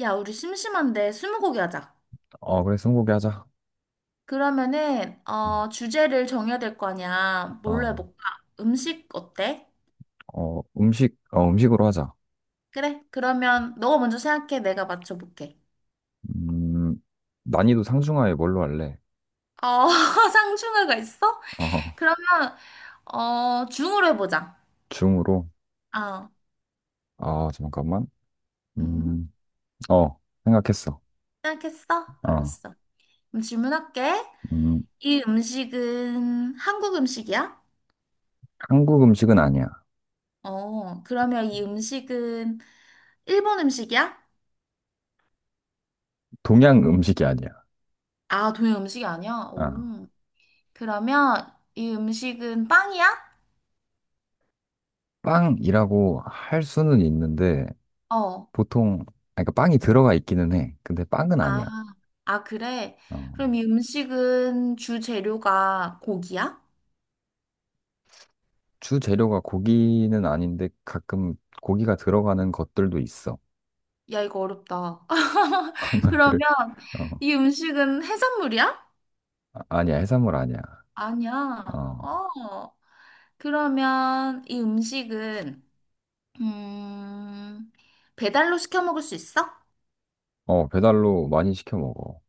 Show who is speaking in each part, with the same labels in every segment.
Speaker 1: 야, 우리 심심한데 스무고개 하자.
Speaker 2: 어, 그래, 스무고개 하자.
Speaker 1: 그러면은
Speaker 2: 음.
Speaker 1: 주제를 정해야 될 거 아니야. 뭘로
Speaker 2: 어,
Speaker 1: 해볼까? 음식 어때?
Speaker 2: 음식, 음식으로 하자.
Speaker 1: 그래. 그러면 너가 먼저 생각해. 내가 맞춰볼게.
Speaker 2: 음, 난이도 상중하에 뭘로 할래?
Speaker 1: 어 상충하가 있어?
Speaker 2: 어,
Speaker 1: 그러면 중으로 해보자.
Speaker 2: 중으로.
Speaker 1: 아,
Speaker 2: 아, 잠깐만.
Speaker 1: 음,
Speaker 2: 음, 생각했어.
Speaker 1: 생각했어?
Speaker 2: 어,
Speaker 1: 알았어. 그럼 질문할게.
Speaker 2: 음,
Speaker 1: 이 음식은 한국 음식이야?
Speaker 2: 한국 음식은 아니야.
Speaker 1: 어, 그러면 이 음식은 일본 음식이야?
Speaker 2: 동양 음식이 아니야.
Speaker 1: 아, 동양 음식이 아니야?
Speaker 2: 아,
Speaker 1: 오. 그러면 이 음식은 빵이야?
Speaker 2: 빵이라고 할 수는 있는데,
Speaker 1: 어.
Speaker 2: 보통, 그러니까 빵이 들어가 있기는 해. 근데 빵은
Speaker 1: 아,
Speaker 2: 아니야.
Speaker 1: 아, 그래.
Speaker 2: 어,
Speaker 1: 그럼 이 음식은 주 재료가 고기야?
Speaker 2: 주 재료가 고기는 아닌데, 가끔 고기가 들어가는 것들도 있어.
Speaker 1: 야, 이거 어렵다.
Speaker 2: 나 그래.
Speaker 1: 그러면
Speaker 2: 어.
Speaker 1: 이 음식은 해산물이야?
Speaker 2: 아니야, 해산물 아니야.
Speaker 1: 아니야.
Speaker 2: 어,
Speaker 1: 어. 그러면 이 음식은 음, 배달로 시켜 먹을 수 있어?
Speaker 2: 배달로 많이 시켜 먹어.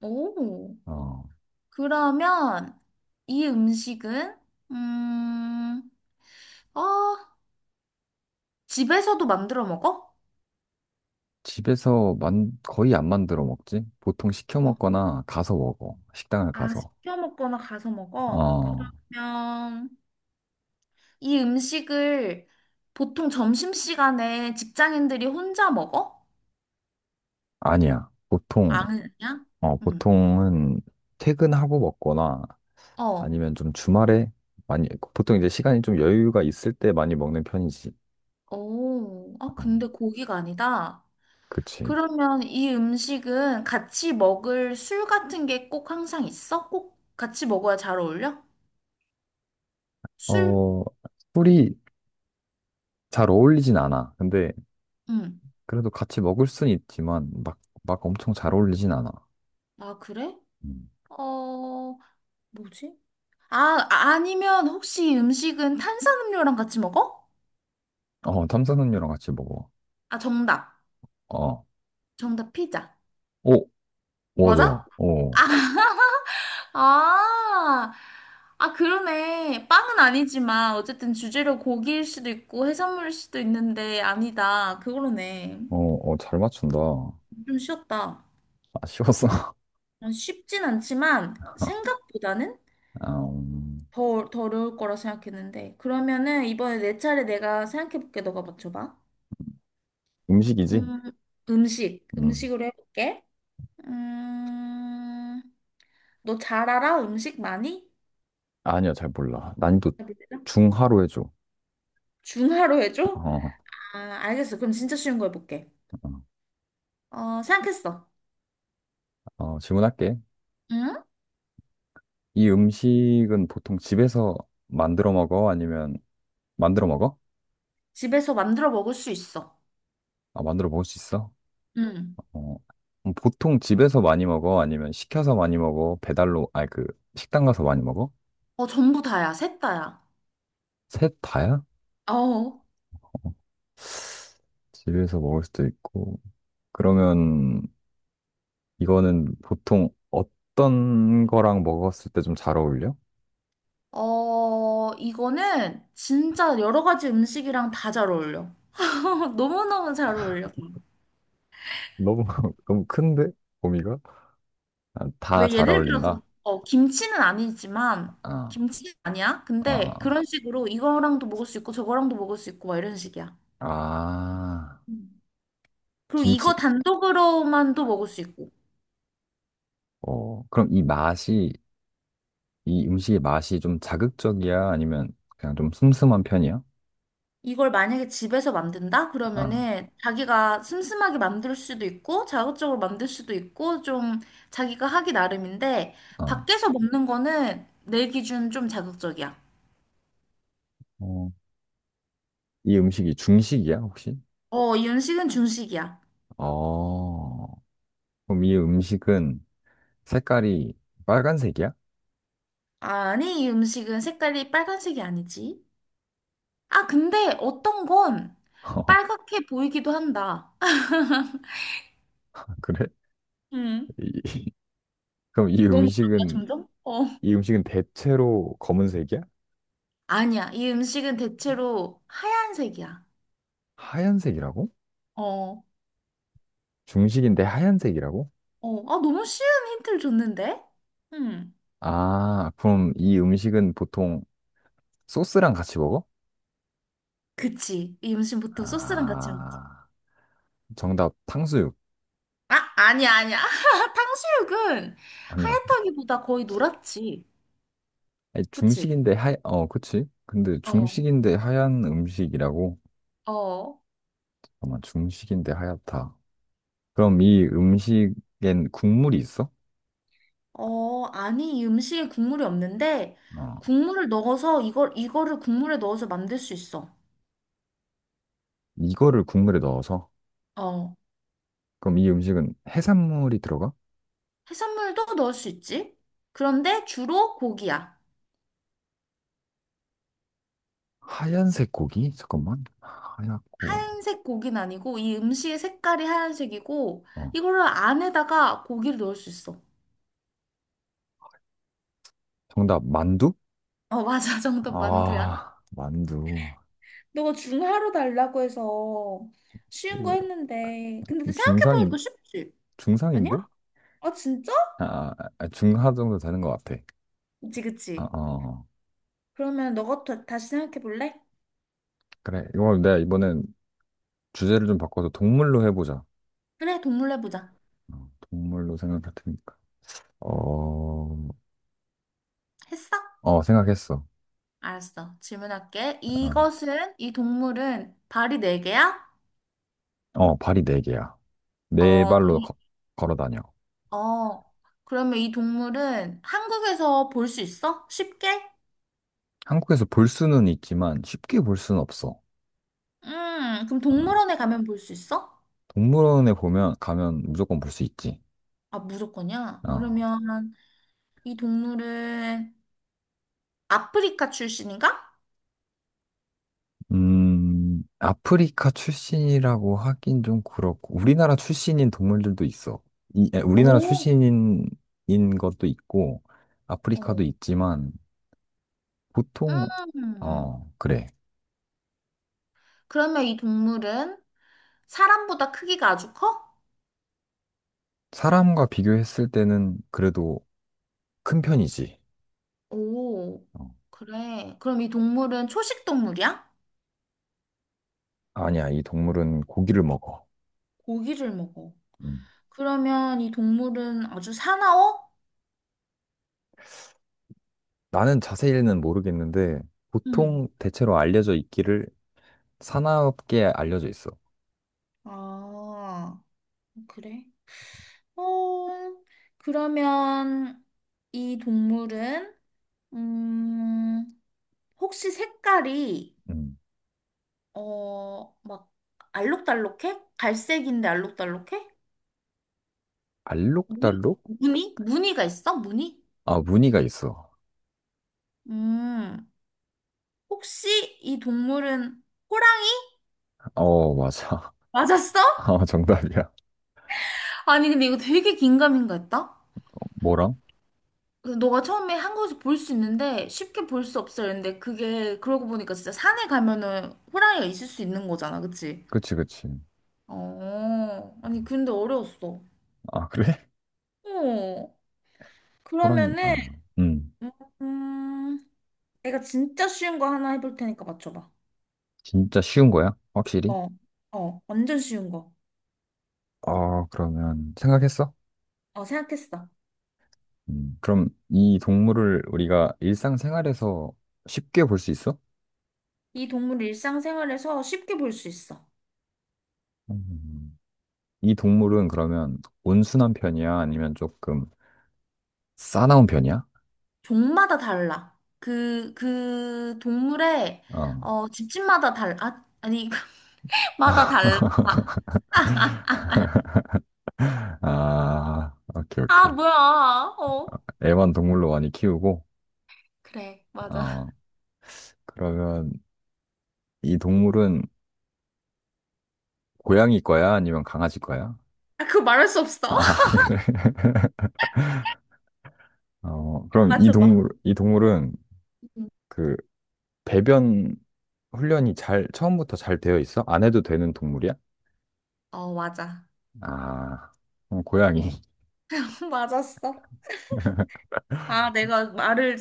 Speaker 1: 오.
Speaker 2: 어,
Speaker 1: 그러면 이 음식은 음, 어, 집에서도 만들어 먹어?
Speaker 2: 집에서 거의 안 만들어 먹지? 보통 시켜 먹거나 가서 먹어. 식당을
Speaker 1: 아,
Speaker 2: 가서.
Speaker 1: 시켜 먹거나 가서 먹어?
Speaker 2: 어,
Speaker 1: 그러면 이 음식을 보통 점심시간에 직장인들이 혼자 먹어?
Speaker 2: 아니야.
Speaker 1: 아니야? 응.
Speaker 2: 보통은 퇴근하고 먹거나
Speaker 1: 어.
Speaker 2: 아니면 좀 주말에 많이, 보통 이제 시간이 좀 여유가 있을 때 많이 먹는 편이지.
Speaker 1: 오. 아,
Speaker 2: 어,
Speaker 1: 근데 고기가 아니다.
Speaker 2: 그치.
Speaker 1: 그러면 이 음식은 같이 먹을 술 같은 게 꼭 항상 있어? 꼭 같이 먹어야 잘 어울려? 술?
Speaker 2: 어, 술이 잘 어울리진 않아. 근데
Speaker 1: 응.
Speaker 2: 그래도 같이 먹을 순 있지만 막 엄청 잘 어울리진 않아.
Speaker 1: 아, 그래?
Speaker 2: 음.
Speaker 1: 어, 뭐지? 아, 아니면 혹시 이 음식은 탄산음료랑 같이 먹어?
Speaker 2: 어, 탄산음료랑 같이 먹어.
Speaker 1: 아, 정답.
Speaker 2: 아, 어,
Speaker 1: 정답 피자.
Speaker 2: 오, 맞아.
Speaker 1: 맞아? 아, 아, 아, 그러네. 빵은 아니지만, 어쨌든 주재료 고기일 수도 있고, 해산물일 수도 있는데, 아니다. 그거네.
Speaker 2: 어, 잘 맞춘다.
Speaker 1: 좀 쉬웠다.
Speaker 2: 아쉬웠어.
Speaker 1: 어, 쉽진 않지만, 생각보다는
Speaker 2: 아, 음,
Speaker 1: 더 어려울 거라 생각했는데. 그러면은, 이번에 내 차례 내가 생각해볼게. 너가 맞춰봐.
Speaker 2: 음식이지?
Speaker 1: 음, 음식.
Speaker 2: 음,
Speaker 1: 음식으로 해볼게. 음, 너 잘 알아? 음식 많이?
Speaker 2: 아니야, 잘 몰라. 난이도
Speaker 1: 답이 되나?
Speaker 2: 중하로 해줘.
Speaker 1: 중화로 해줘?
Speaker 2: 어,
Speaker 1: 아, 알겠어. 그럼 진짜 쉬운 거 해볼게.
Speaker 2: 어,
Speaker 1: 어, 생각했어.
Speaker 2: 질문할게.
Speaker 1: 응?
Speaker 2: 이 음식은 보통 집에서 만들어 먹어? 아니면 만들어 먹어?
Speaker 1: 집에서 만들어 먹을 수 있어.
Speaker 2: 아, 만들어 먹을 수 있어?
Speaker 1: 응.
Speaker 2: 어, 보통 집에서 많이 먹어? 아니면 시켜서 많이 먹어? 배달로, 아니, 그, 식당 가서 많이 먹어?
Speaker 1: 어, 전부 다야. 셋 다야.
Speaker 2: 셋 다야?
Speaker 1: 어.
Speaker 2: 집에서 먹을 수도 있고, 그러면 이거는 보통 어떤 거랑 먹었을 때 좀 잘 어울려?
Speaker 1: 어, 이거는 진짜 여러 가지 음식이랑 다 잘 어울려. 너무너무 잘 어울려.
Speaker 2: 너무 너무 큰데? 범위가? 다
Speaker 1: 왜
Speaker 2: 잘
Speaker 1: 예를 들어서,
Speaker 2: 어울린다.
Speaker 1: 어, 김치는 아니지만,
Speaker 2: 아,
Speaker 1: 김치는 아니야. 근데
Speaker 2: 아,
Speaker 1: 그런 식으로 이거랑도 먹을 수 있고, 저거랑도 먹을 수 있고, 막 이런 식이야.
Speaker 2: 아, 아,
Speaker 1: 음. 그리고
Speaker 2: 김치.
Speaker 1: 이거 단독으로만도 먹을 수 있고.
Speaker 2: 그럼 이 음식의 맛이 좀 자극적이야? 아니면 그냥 좀 슴슴한 편이야?
Speaker 1: 이걸 만약에 집에서 만든다?
Speaker 2: 아,
Speaker 1: 그러면은 자기가 슴슴하게 만들 수도 있고 자극적으로 만들 수도 있고 좀 자기가 하기 나름인데
Speaker 2: 아,
Speaker 1: 밖에서 먹는 거는 내 기준 좀 자극적이야.
Speaker 2: 어, 이 음식이 중식이야, 혹시?
Speaker 1: 어, 이 음식은 중식이야.
Speaker 2: 어, 그럼 이 음식은 색깔이 빨간색이야?
Speaker 1: 아니, 이 음식은 색깔이 빨간색이 아니지. 아, 근데 어떤 건 빨갛게 보이기도 한다.
Speaker 2: 그래?
Speaker 1: 음,
Speaker 2: 그럼 이
Speaker 1: 너무 어렵나,
Speaker 2: 음식은
Speaker 1: 점점? 어.
Speaker 2: 이 음식은 대체로 검은색이야?
Speaker 1: 아니야, 이 음식은 대체로 하얀색이야.
Speaker 2: 하얀색이라고?
Speaker 1: 어.
Speaker 2: 중식인데 하얀색이라고?
Speaker 1: 어, 아, 너무 쉬운 힌트를 줬는데? 음,
Speaker 2: 그럼 이 음식은 보통 소스랑 같이 먹어?
Speaker 1: 그치. 이 음식 보통 소스랑 같이 먹지.
Speaker 2: 아, 정답 탕수육.
Speaker 1: 아, 아니야. 탕수육은
Speaker 2: 아니라고.
Speaker 1: 하얗다기보다 거의 노랗지.
Speaker 2: 아니,
Speaker 1: 그치?
Speaker 2: 중식인데 그치? 근데
Speaker 1: 어,
Speaker 2: 중식인데 하얀 음식이라고?
Speaker 1: 어,
Speaker 2: 잠깐만, 중식인데 하얗다. 그럼 이 음식엔 국물이 있어?
Speaker 1: 아니, 이 음식에 국물이 없는데,
Speaker 2: 어,
Speaker 1: 국물을 넣어서, 이걸, 이거를 국물에 넣어서 만들 수 있어.
Speaker 2: 이거를 국물에 넣어서?
Speaker 1: 어,
Speaker 2: 그럼 이 음식은 해산물이 들어가?
Speaker 1: 해산물도 넣을 수 있지. 그런데 주로 고기야.
Speaker 2: 하얀색 고기? 잠깐만. 하얗고.
Speaker 1: 하얀색 고기는 아니고, 이 음식의 색깔이 하얀색이고,
Speaker 2: 어.
Speaker 1: 이거를 안에다가 고기를 넣을 수 있어.
Speaker 2: 정답, 만두?
Speaker 1: 어, 맞아. 정답 만두야.
Speaker 2: 만두.
Speaker 1: 너가 중하로 달라고 해서 쉬운 거
Speaker 2: 이거
Speaker 1: 했는데 근데
Speaker 2: 중상인,
Speaker 1: 생각해보니까 쉽지. 아니야?
Speaker 2: 중상인데?
Speaker 1: 아 진짜?
Speaker 2: 아, 중하 정도 되는 것 같아.
Speaker 1: 그치, 그치.
Speaker 2: 어. 어.
Speaker 1: 그러면 너가 더, 다시 생각해 볼래?
Speaker 2: 그래. 이거 내가 이번엔 주제를 좀 바꿔서 동물로 해보자.
Speaker 1: 그래, 동물 해보자.
Speaker 2: 동물로 생각할 테니까. 어,
Speaker 1: 했어?
Speaker 2: 생각했어.
Speaker 1: 알았어. 질문할게.
Speaker 2: 어,
Speaker 1: 이것은, 이 동물은 발이 네개야
Speaker 2: 발이 네 개야. 네
Speaker 1: 어, 그럼,
Speaker 2: 발로
Speaker 1: 이-
Speaker 2: 걸어 다녀.
Speaker 1: 어, 그러면 이 동물은 한국에서 볼 수 있어? 쉽게?
Speaker 2: 한국에서 볼 수는 있지만 쉽게 볼 수는 없어.
Speaker 1: 그럼
Speaker 2: 어.
Speaker 1: 동물원에 가면 볼 수 있어?
Speaker 2: 동물원에 보면 가면 무조건 볼 수 있지.
Speaker 1: 아, 무조건이야.
Speaker 2: 어.
Speaker 1: 그러면 이 동물은 아프리카 출신인가?
Speaker 2: 아프리카 출신이라고 하긴 좀 그렇고 우리나라 출신인 동물들도 있어. 우리나라
Speaker 1: 오,
Speaker 2: 출신인 인 것도 있고
Speaker 1: 어.
Speaker 2: 아프리카도 있지만 보통
Speaker 1: 음.
Speaker 2: 그래.
Speaker 1: 그러면 이 동물은 사람보다 크기가 아주 커?
Speaker 2: 사람과 비교했을 때는 그래도 큰 편이지.
Speaker 1: 오,
Speaker 2: 어.
Speaker 1: 그래. 그럼 이 동물은 초식 동물이야?
Speaker 2: 아니야, 이 동물은 고기를 먹어.
Speaker 1: 고기를 먹어.
Speaker 2: 음.
Speaker 1: 그러면 이 동물은 아주 사나워?
Speaker 2: 나는 자세히는 모르겠는데
Speaker 1: 응.
Speaker 2: 보통 대체로 알려져 있기를 산업계에 알려져 있어.
Speaker 1: 아, 그래. 어, 그러면 이 동물은, 음, 혹시 색깔이
Speaker 2: 음.
Speaker 1: 어, 막 알록달록해? 갈색인데 알록달록해? 무늬?
Speaker 2: 알록달록?
Speaker 1: 무늬? 무늬가 있어? 무늬?
Speaker 2: 무늬가 있어.
Speaker 1: 음, 혹시 이 동물은 호랑이?
Speaker 2: 맞아.
Speaker 1: 맞았어?
Speaker 2: 정답이야.
Speaker 1: 아니, 근데 이거 되게 긴가민가 했다?
Speaker 2: 뭐랑?
Speaker 1: 근데 너가 처음에 한국에서 볼 수 있는데 쉽게 볼 수 없어 이랬는데 그게 그러고 보니까 진짜 산에 가면은 호랑이가 있을 수 있는 거잖아, 그치?
Speaker 2: 그치, 그치.
Speaker 1: 어, 아니, 근데 어려웠어.
Speaker 2: 그래?
Speaker 1: 어,
Speaker 2: 호랑이,
Speaker 1: 그러면은,
Speaker 2: 음.
Speaker 1: 음, 음, 내가 진짜 쉬운 거 하나 해볼 테니까 맞춰봐.
Speaker 2: 진짜 쉬운 거야? 확실히?
Speaker 1: 어, 어, 완전 쉬운 거.
Speaker 2: 그러면, 생각했어?
Speaker 1: 어, 생각했어.
Speaker 2: 음. 그럼 이 동물을 우리가 일상생활에서 쉽게 볼 수 있어?
Speaker 1: 이 동물 일상생활에서 쉽게 볼 수 있어.
Speaker 2: 음. 이 동물은 그러면 온순한 편이야? 아니면 조금 싸나운 편이야?
Speaker 1: 종마다 달라. 그 동물의,
Speaker 2: 어.
Speaker 1: 어, 집집마다 달라. 아, 아니, 마다 달라.
Speaker 2: 오케이,
Speaker 1: 아,
Speaker 2: 오케이.
Speaker 1: 뭐야. 어.
Speaker 2: 애완 동물로 많이 키우고,
Speaker 1: 그래, 맞아.
Speaker 2: 어, 그러면 이 동물은 고양이 거야? 아니면 강아지 거야?
Speaker 1: 아, 그거 말할 수 없어.
Speaker 2: 그래. 그럼 이
Speaker 1: 맞춰봐.
Speaker 2: 동물, 이 동물은
Speaker 1: 응.
Speaker 2: 그 배변 훈련이 잘, 처음부터 잘 되어 있어? 안 해도 되는 동물이야?
Speaker 1: 어, 맞아.
Speaker 2: 아, 그럼 고양이.
Speaker 1: 맞았어. 아, 내가 말을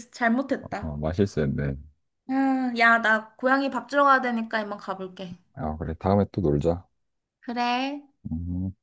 Speaker 1: 잘못했다.
Speaker 2: 마실수였네.
Speaker 1: 야, 나 고양이 밥 주러 가야 되니까 이만 가볼게.
Speaker 2: 그래. 다음에 또 놀자.
Speaker 1: 그래.
Speaker 2: 음.